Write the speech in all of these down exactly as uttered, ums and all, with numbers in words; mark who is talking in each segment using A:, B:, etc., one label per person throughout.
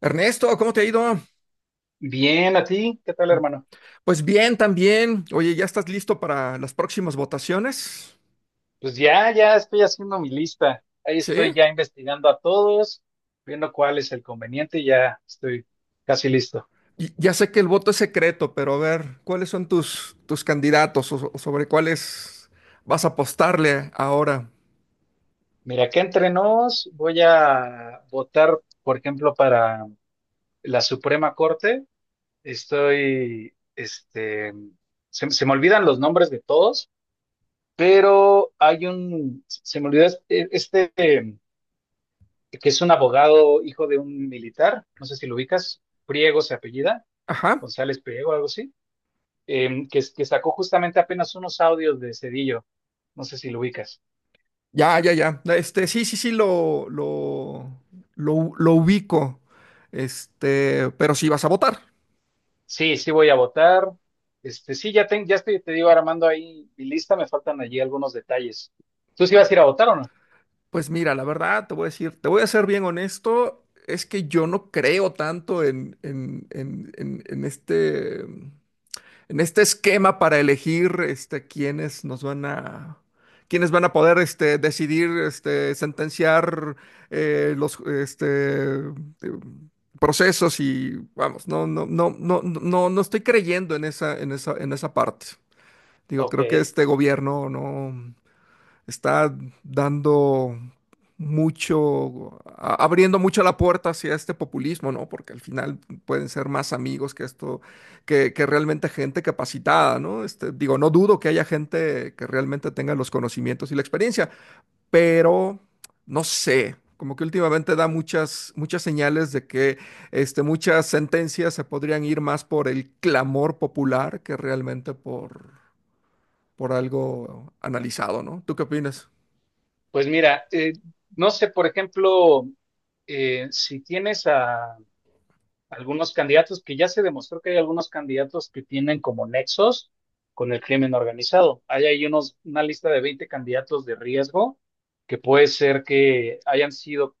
A: Ernesto, ¿cómo te ha ido?
B: Bien, ¿a ti? ¿Qué tal, hermano?
A: Pues bien, también. Oye, ¿ya estás listo para las próximas votaciones?
B: Pues ya, ya estoy haciendo mi lista. Ahí estoy
A: Sí.
B: ya investigando a todos, viendo cuál es el conveniente y ya estoy casi listo.
A: Y ya sé que el voto es secreto, pero a ver, ¿cuáles son tus, tus candidatos o, o sobre cuáles vas a apostarle ahora?
B: Mira, que entre nos voy a votar, por ejemplo, para la Suprema Corte. Estoy, este, se, se me olvidan los nombres de todos, pero hay un, se me olvidó este, este, que es un abogado hijo de un militar, no sé si lo ubicas, Priego se apellida.
A: Ajá.
B: González Priego, algo así, em, que, que sacó justamente apenas unos audios de Cedillo. No sé si lo ubicas.
A: Ya, ya, ya. Este, sí, sí, sí, lo, lo, lo, lo ubico. Este, pero sí vas a votar.
B: Sí, sí voy a votar. Este, sí, ya, ten- ya estoy, te digo, armando ahí mi lista, me faltan allí algunos detalles. ¿Tú sí vas a ir a votar o no?
A: Pues mira, la verdad, te voy a decir, te voy a ser bien honesto, es que yo no creo tanto en, en, en, en, en este, en este esquema para elegir este, quiénes nos van a, quiénes van a poder este, decidir, este, sentenciar eh, los este, eh, procesos y vamos, no, no, no, no, no, no estoy creyendo en esa, en esa, en esa parte. Digo,
B: Ok,
A: creo que este gobierno no está dando mucho, a- abriendo mucho la puerta hacia este populismo, ¿no? Porque al final pueden ser más amigos que esto, que, que realmente gente capacitada, ¿no? Este, digo, no dudo que haya gente que realmente tenga los conocimientos y la experiencia, pero no sé. Como que últimamente da muchas, muchas señales de que este, muchas sentencias se podrían ir más por el clamor popular que realmente por, por algo analizado, ¿no? ¿Tú qué opinas?
B: pues mira, eh, no sé, por ejemplo, eh, si tienes a, algunos candidatos que ya se demostró que hay algunos candidatos que tienen como nexos con el crimen organizado. Hay ahí unos, una lista de veinte candidatos de riesgo que puede ser que hayan sido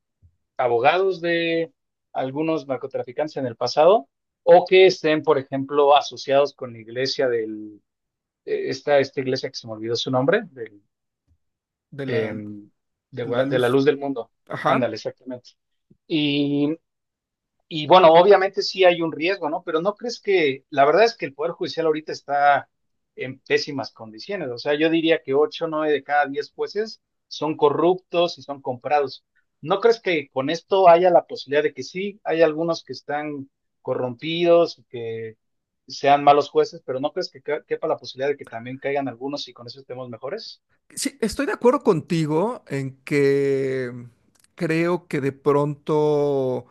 B: abogados de algunos narcotraficantes en el pasado o que estén, por ejemplo, asociados con la iglesia del, eh, esta, esta iglesia que se me olvidó su nombre, del,
A: De la,
B: em, de, Gua-
A: la
B: de la
A: luz.
B: luz del mundo.
A: Ajá.
B: Ándale, exactamente. Y y bueno, obviamente sí hay un riesgo, ¿no? Pero no crees que, la verdad es que el Poder Judicial ahorita está en pésimas condiciones. O sea, yo diría que ocho nueve de cada diez jueces son corruptos y son comprados. ¿No crees que con esto haya la posibilidad de que sí, hay algunos que están corrompidos, y que sean malos jueces, pero no crees que ca- quepa la posibilidad de que también caigan algunos y con eso estemos mejores?
A: Sí, estoy de acuerdo contigo en que creo que de pronto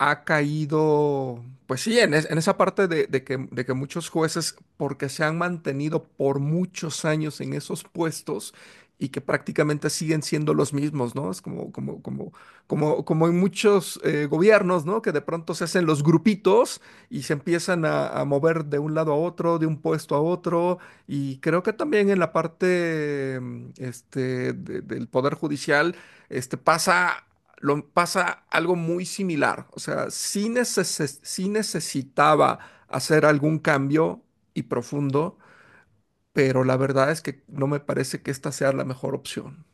A: ha caído, pues sí, en, es- en esa parte de, de que, de que muchos jueces, porque se han mantenido por muchos años en esos puestos y que prácticamente siguen siendo los mismos, ¿no? Es como, como, como, como, como en muchos eh, gobiernos, ¿no? Que de pronto se hacen los grupitos y se empiezan a, a mover de un lado a otro, de un puesto a otro, y creo que también en la parte, mm, este, de- del Poder Judicial este, pasa lo pasa algo muy similar. O sea, sí, neces- sí necesitaba hacer algún cambio y profundo, pero la verdad es que no me parece que esta sea la mejor opción.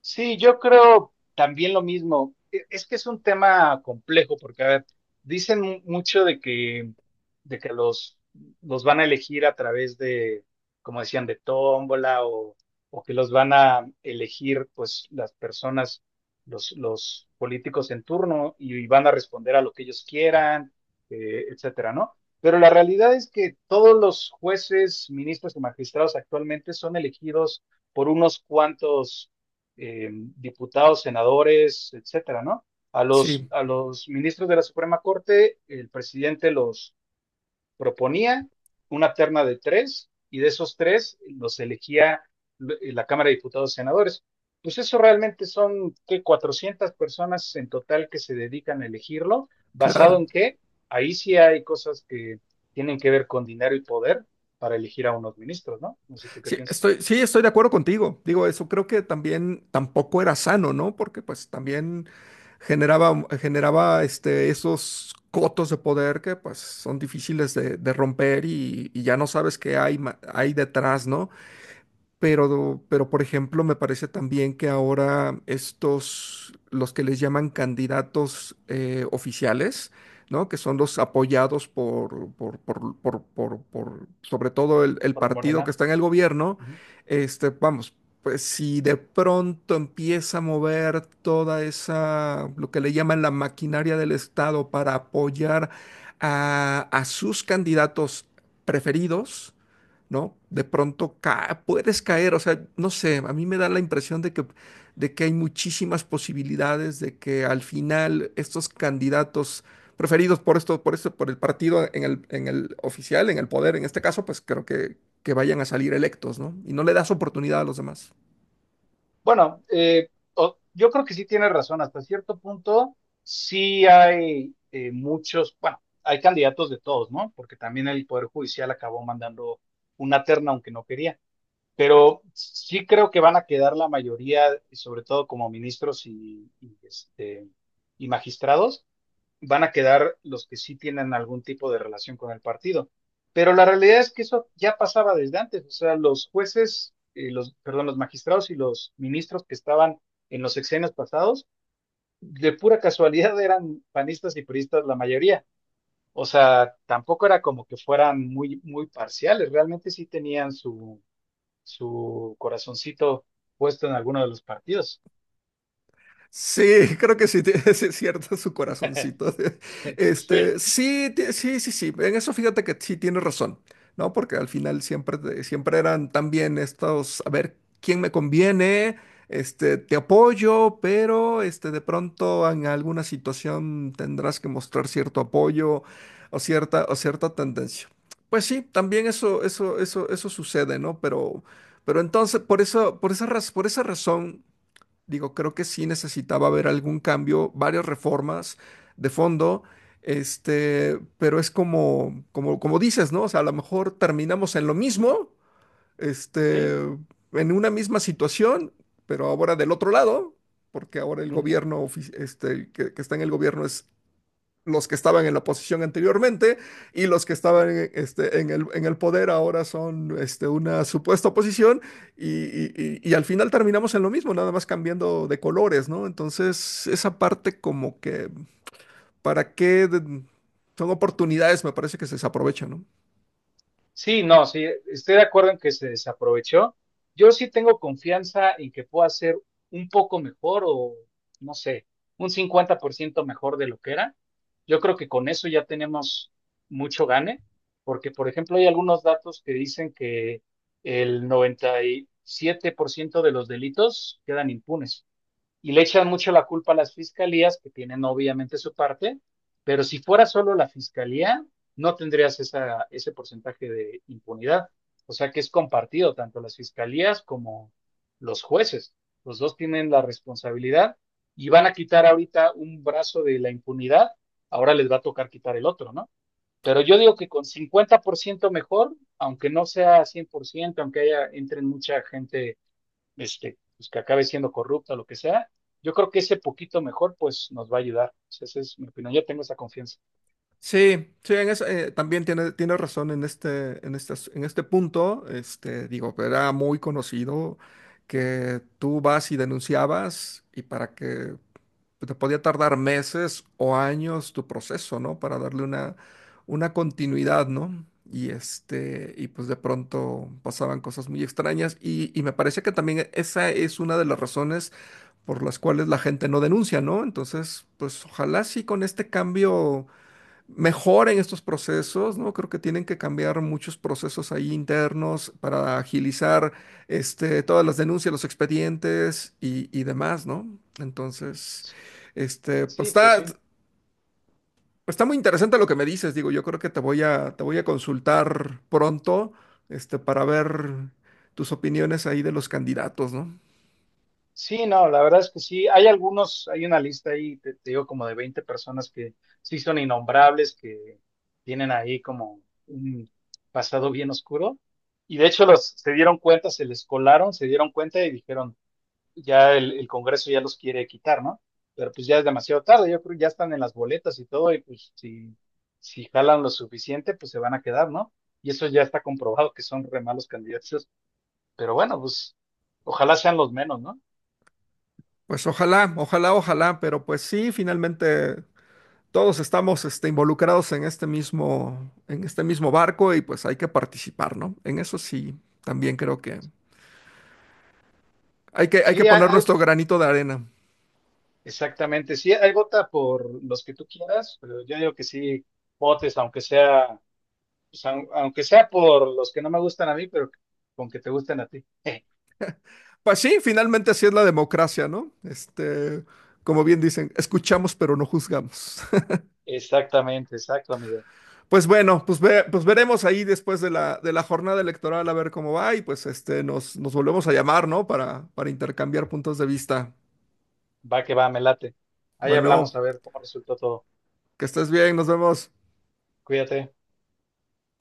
B: Sí, yo creo también lo mismo. E- Es que es un tema complejo porque, a ver, dicen mu- mucho de que, de que los, los van a elegir a través de, como decían, de tómbola o, o que los van a elegir, pues, las personas, los, los políticos en turno y, y van a responder a lo que ellos quieran, eh, etcétera, ¿no? Pero la realidad es que todos los jueces, ministros y magistrados actualmente son elegidos por unos cuantos eh, diputados, senadores, etcétera, ¿no? A los,
A: Sí,
B: a los ministros de la Suprema Corte, el presidente los proponía una terna de tres y de esos tres los elegía eh, la Cámara de Diputados y Senadores. Pues eso realmente son que cuatrocientas personas en total que se dedican a elegirlo, ¿basado
A: claro.
B: en qué? Ahí sí hay cosas que tienen que ver con dinero y poder para elegir a unos ministros, ¿no? No sé tú qué
A: Sí,
B: piensas,
A: estoy, sí, estoy de acuerdo contigo. Digo, eso creo que también tampoco era sano, ¿no? Porque pues también generaba, generaba este, esos cotos de poder que pues son difíciles de, de romper y, y ya no sabes qué hay, ma- hay detrás, ¿no? Pero, pero, por ejemplo, me parece también que ahora estos, los que les llaman candidatos eh, oficiales, ¿no? Que son los apoyados por, por, por, por, por- por, sobre todo el, el
B: por
A: partido que
B: Morena.
A: está en el gobierno,
B: Uh -huh.
A: este, vamos, pues si de pronto empieza a mover toda esa, lo que le llaman la maquinaria del Estado para apoyar a, a sus candidatos preferidos, ¿no? De pronto ca- puedes caer, o sea, no sé, a mí me da la impresión de que, de que hay muchísimas posibilidades de que al final estos candidatos preferidos por esto, por esto, por el partido en el, en el oficial, en el poder, en este caso, pues creo que, que vayan a salir electos, ¿no? Y no le das oportunidad a los demás.
B: Bueno, eh, o- yo creo que sí tiene razón. Hasta cierto punto, sí hay eh, muchos, bueno, hay candidatos de todos, ¿no? Porque también el Poder Judicial acabó mandando una terna, aunque no quería. Pero sí creo que van a quedar la mayoría, sobre todo como ministros y, y, este, y magistrados, van a quedar los que sí tienen algún tipo de relación con el partido. Pero la realidad es que eso ya pasaba desde antes, o sea, los jueces, eh, los, perdón, los magistrados y los ministros que estaban en los sexenios pasados, de pura casualidad eran panistas y puristas la mayoría. O sea, tampoco era como que fueran muy, muy parciales, realmente sí tenían su, su corazoncito puesto en alguno de los partidos.
A: Sí, creo que sí, tiene- sí es cierto su corazoncito. De-
B: Entonces,
A: Este, sí, ti- sí, sí, sí. En eso fíjate que sí tiene razón, ¿no? Porque al final siempre, te- siempre eran también estos, a ver, ¿quién me conviene? Este, te apoyo, pero este, de pronto en alguna situación tendrás que mostrar cierto apoyo o cierta, o cierta tendencia. Pues sí, también eso, eso, eso, eso sucede, ¿no? Pero, pero entonces, por eso, por esa, raz- por esa razón. Digo, creo que sí necesitaba haber algún cambio, varias reformas de fondo, este, pero es como, como, como dices, ¿no? O sea, a lo mejor terminamos en lo mismo, este,
B: sí.
A: en una misma situación, pero ahora del otro lado, porque ahora el
B: Ujú,
A: gobierno, ofi- este, el que, que está en el gobierno es los que estaban en la oposición anteriormente y los que
B: ujú.
A: estaban en, este, en, el, en el poder ahora son este, una supuesta oposición y, y, y al final terminamos en lo mismo, nada más cambiando de colores, ¿no? Entonces, esa parte como que, ¿para qué? De- son oportunidades, me parece que se desaprovechan, ¿no?
B: Sí, no, sí, estoy de acuerdo en que se desaprovechó. Yo sí tengo confianza en que pueda ser un poco mejor o, no sé, un cincuenta por ciento mejor de lo que era. Yo creo que con eso ya tenemos mucho gane, porque, por ejemplo, hay algunos datos que dicen que el noventa y siete por ciento de los delitos quedan impunes y le echan mucho la culpa a las fiscalías, que tienen obviamente su parte, pero si fuera solo la fiscalía, no tendrías esa, ese porcentaje de impunidad. O sea que es compartido, tanto las fiscalías como los jueces. Los dos tienen la responsabilidad y van a quitar ahorita un brazo de la impunidad, ahora les va a tocar quitar el otro, ¿no? Pero yo digo que con cincuenta por ciento mejor, aunque no sea cien por ciento, aunque haya, entren mucha gente este, pues que acabe siendo corrupta o lo que sea, yo creo que ese poquito mejor, pues nos va a ayudar. O sea, esa es mi opinión, yo tengo esa confianza.
A: Sí, sí, en eso, eh, también tiene, tiene razón en este, en este, as- en este punto. Este, digo, era muy conocido que tú vas y denunciabas y para que pues, te podía tardar meses o años tu proceso, ¿no? Para darle una, una continuidad, ¿no? Y este, y pues de pronto pasaban cosas muy extrañas y, y me parece que también esa es una de las razones por las cuales la gente no denuncia, ¿no? Entonces, pues ojalá sí con este cambio mejoren estos procesos, ¿no? Creo que tienen que cambiar muchos procesos ahí internos para agilizar este, todas las denuncias, los expedientes y, y demás, ¿no? Entonces, este, pues
B: Sí, pues
A: está,
B: sí.
A: está muy interesante lo que me dices, digo, yo creo que te voy a, te voy a consultar pronto, este, para ver tus opiniones ahí de los candidatos, ¿no?
B: Sí, no, la verdad es que sí, hay algunos, hay una lista ahí, te, te digo, como de veinte personas que sí son innombrables, que tienen ahí como un pasado bien oscuro. Y de hecho los se dieron cuenta, se les colaron, se dieron cuenta y dijeron, ya el, el Congreso ya los quiere quitar, ¿no? Pero pues ya es demasiado tarde, yo creo que ya están en las boletas y todo, y pues si, si jalan lo suficiente, pues se van a quedar, ¿no? Y eso ya está comprobado que son re malos candidatos, pero bueno, pues ojalá sean los menos, ¿no?
A: Pues ojalá, ojalá, ojalá, pero pues sí, finalmente todos estamos este, involucrados en este mismo, en este mismo barco y pues hay que participar, ¿no? En eso sí, también creo que hay que, hay que
B: Sí, hay,
A: poner
B: hay-
A: nuestro granito de arena.
B: exactamente, sí, hay vota por los que tú quieras, pero yo digo que sí, votes, aunque sea, pues, aun- aunque sea por los que no me gustan a mí, pero con que te gusten a ti.
A: Pues sí, finalmente así es la democracia, ¿no? Este, como bien dicen, escuchamos pero no juzgamos.
B: Exactamente, exacto, amigo.
A: Pues bueno, pues, ve- pues veremos ahí después de la, de la jornada electoral a ver cómo va y pues este, nos, nos volvemos a llamar, ¿no? Para, para intercambiar puntos de vista.
B: Va que va, me late. Ahí hablamos
A: Bueno,
B: a ver cómo resultó todo.
A: que estés bien, nos vemos.
B: Cuídate.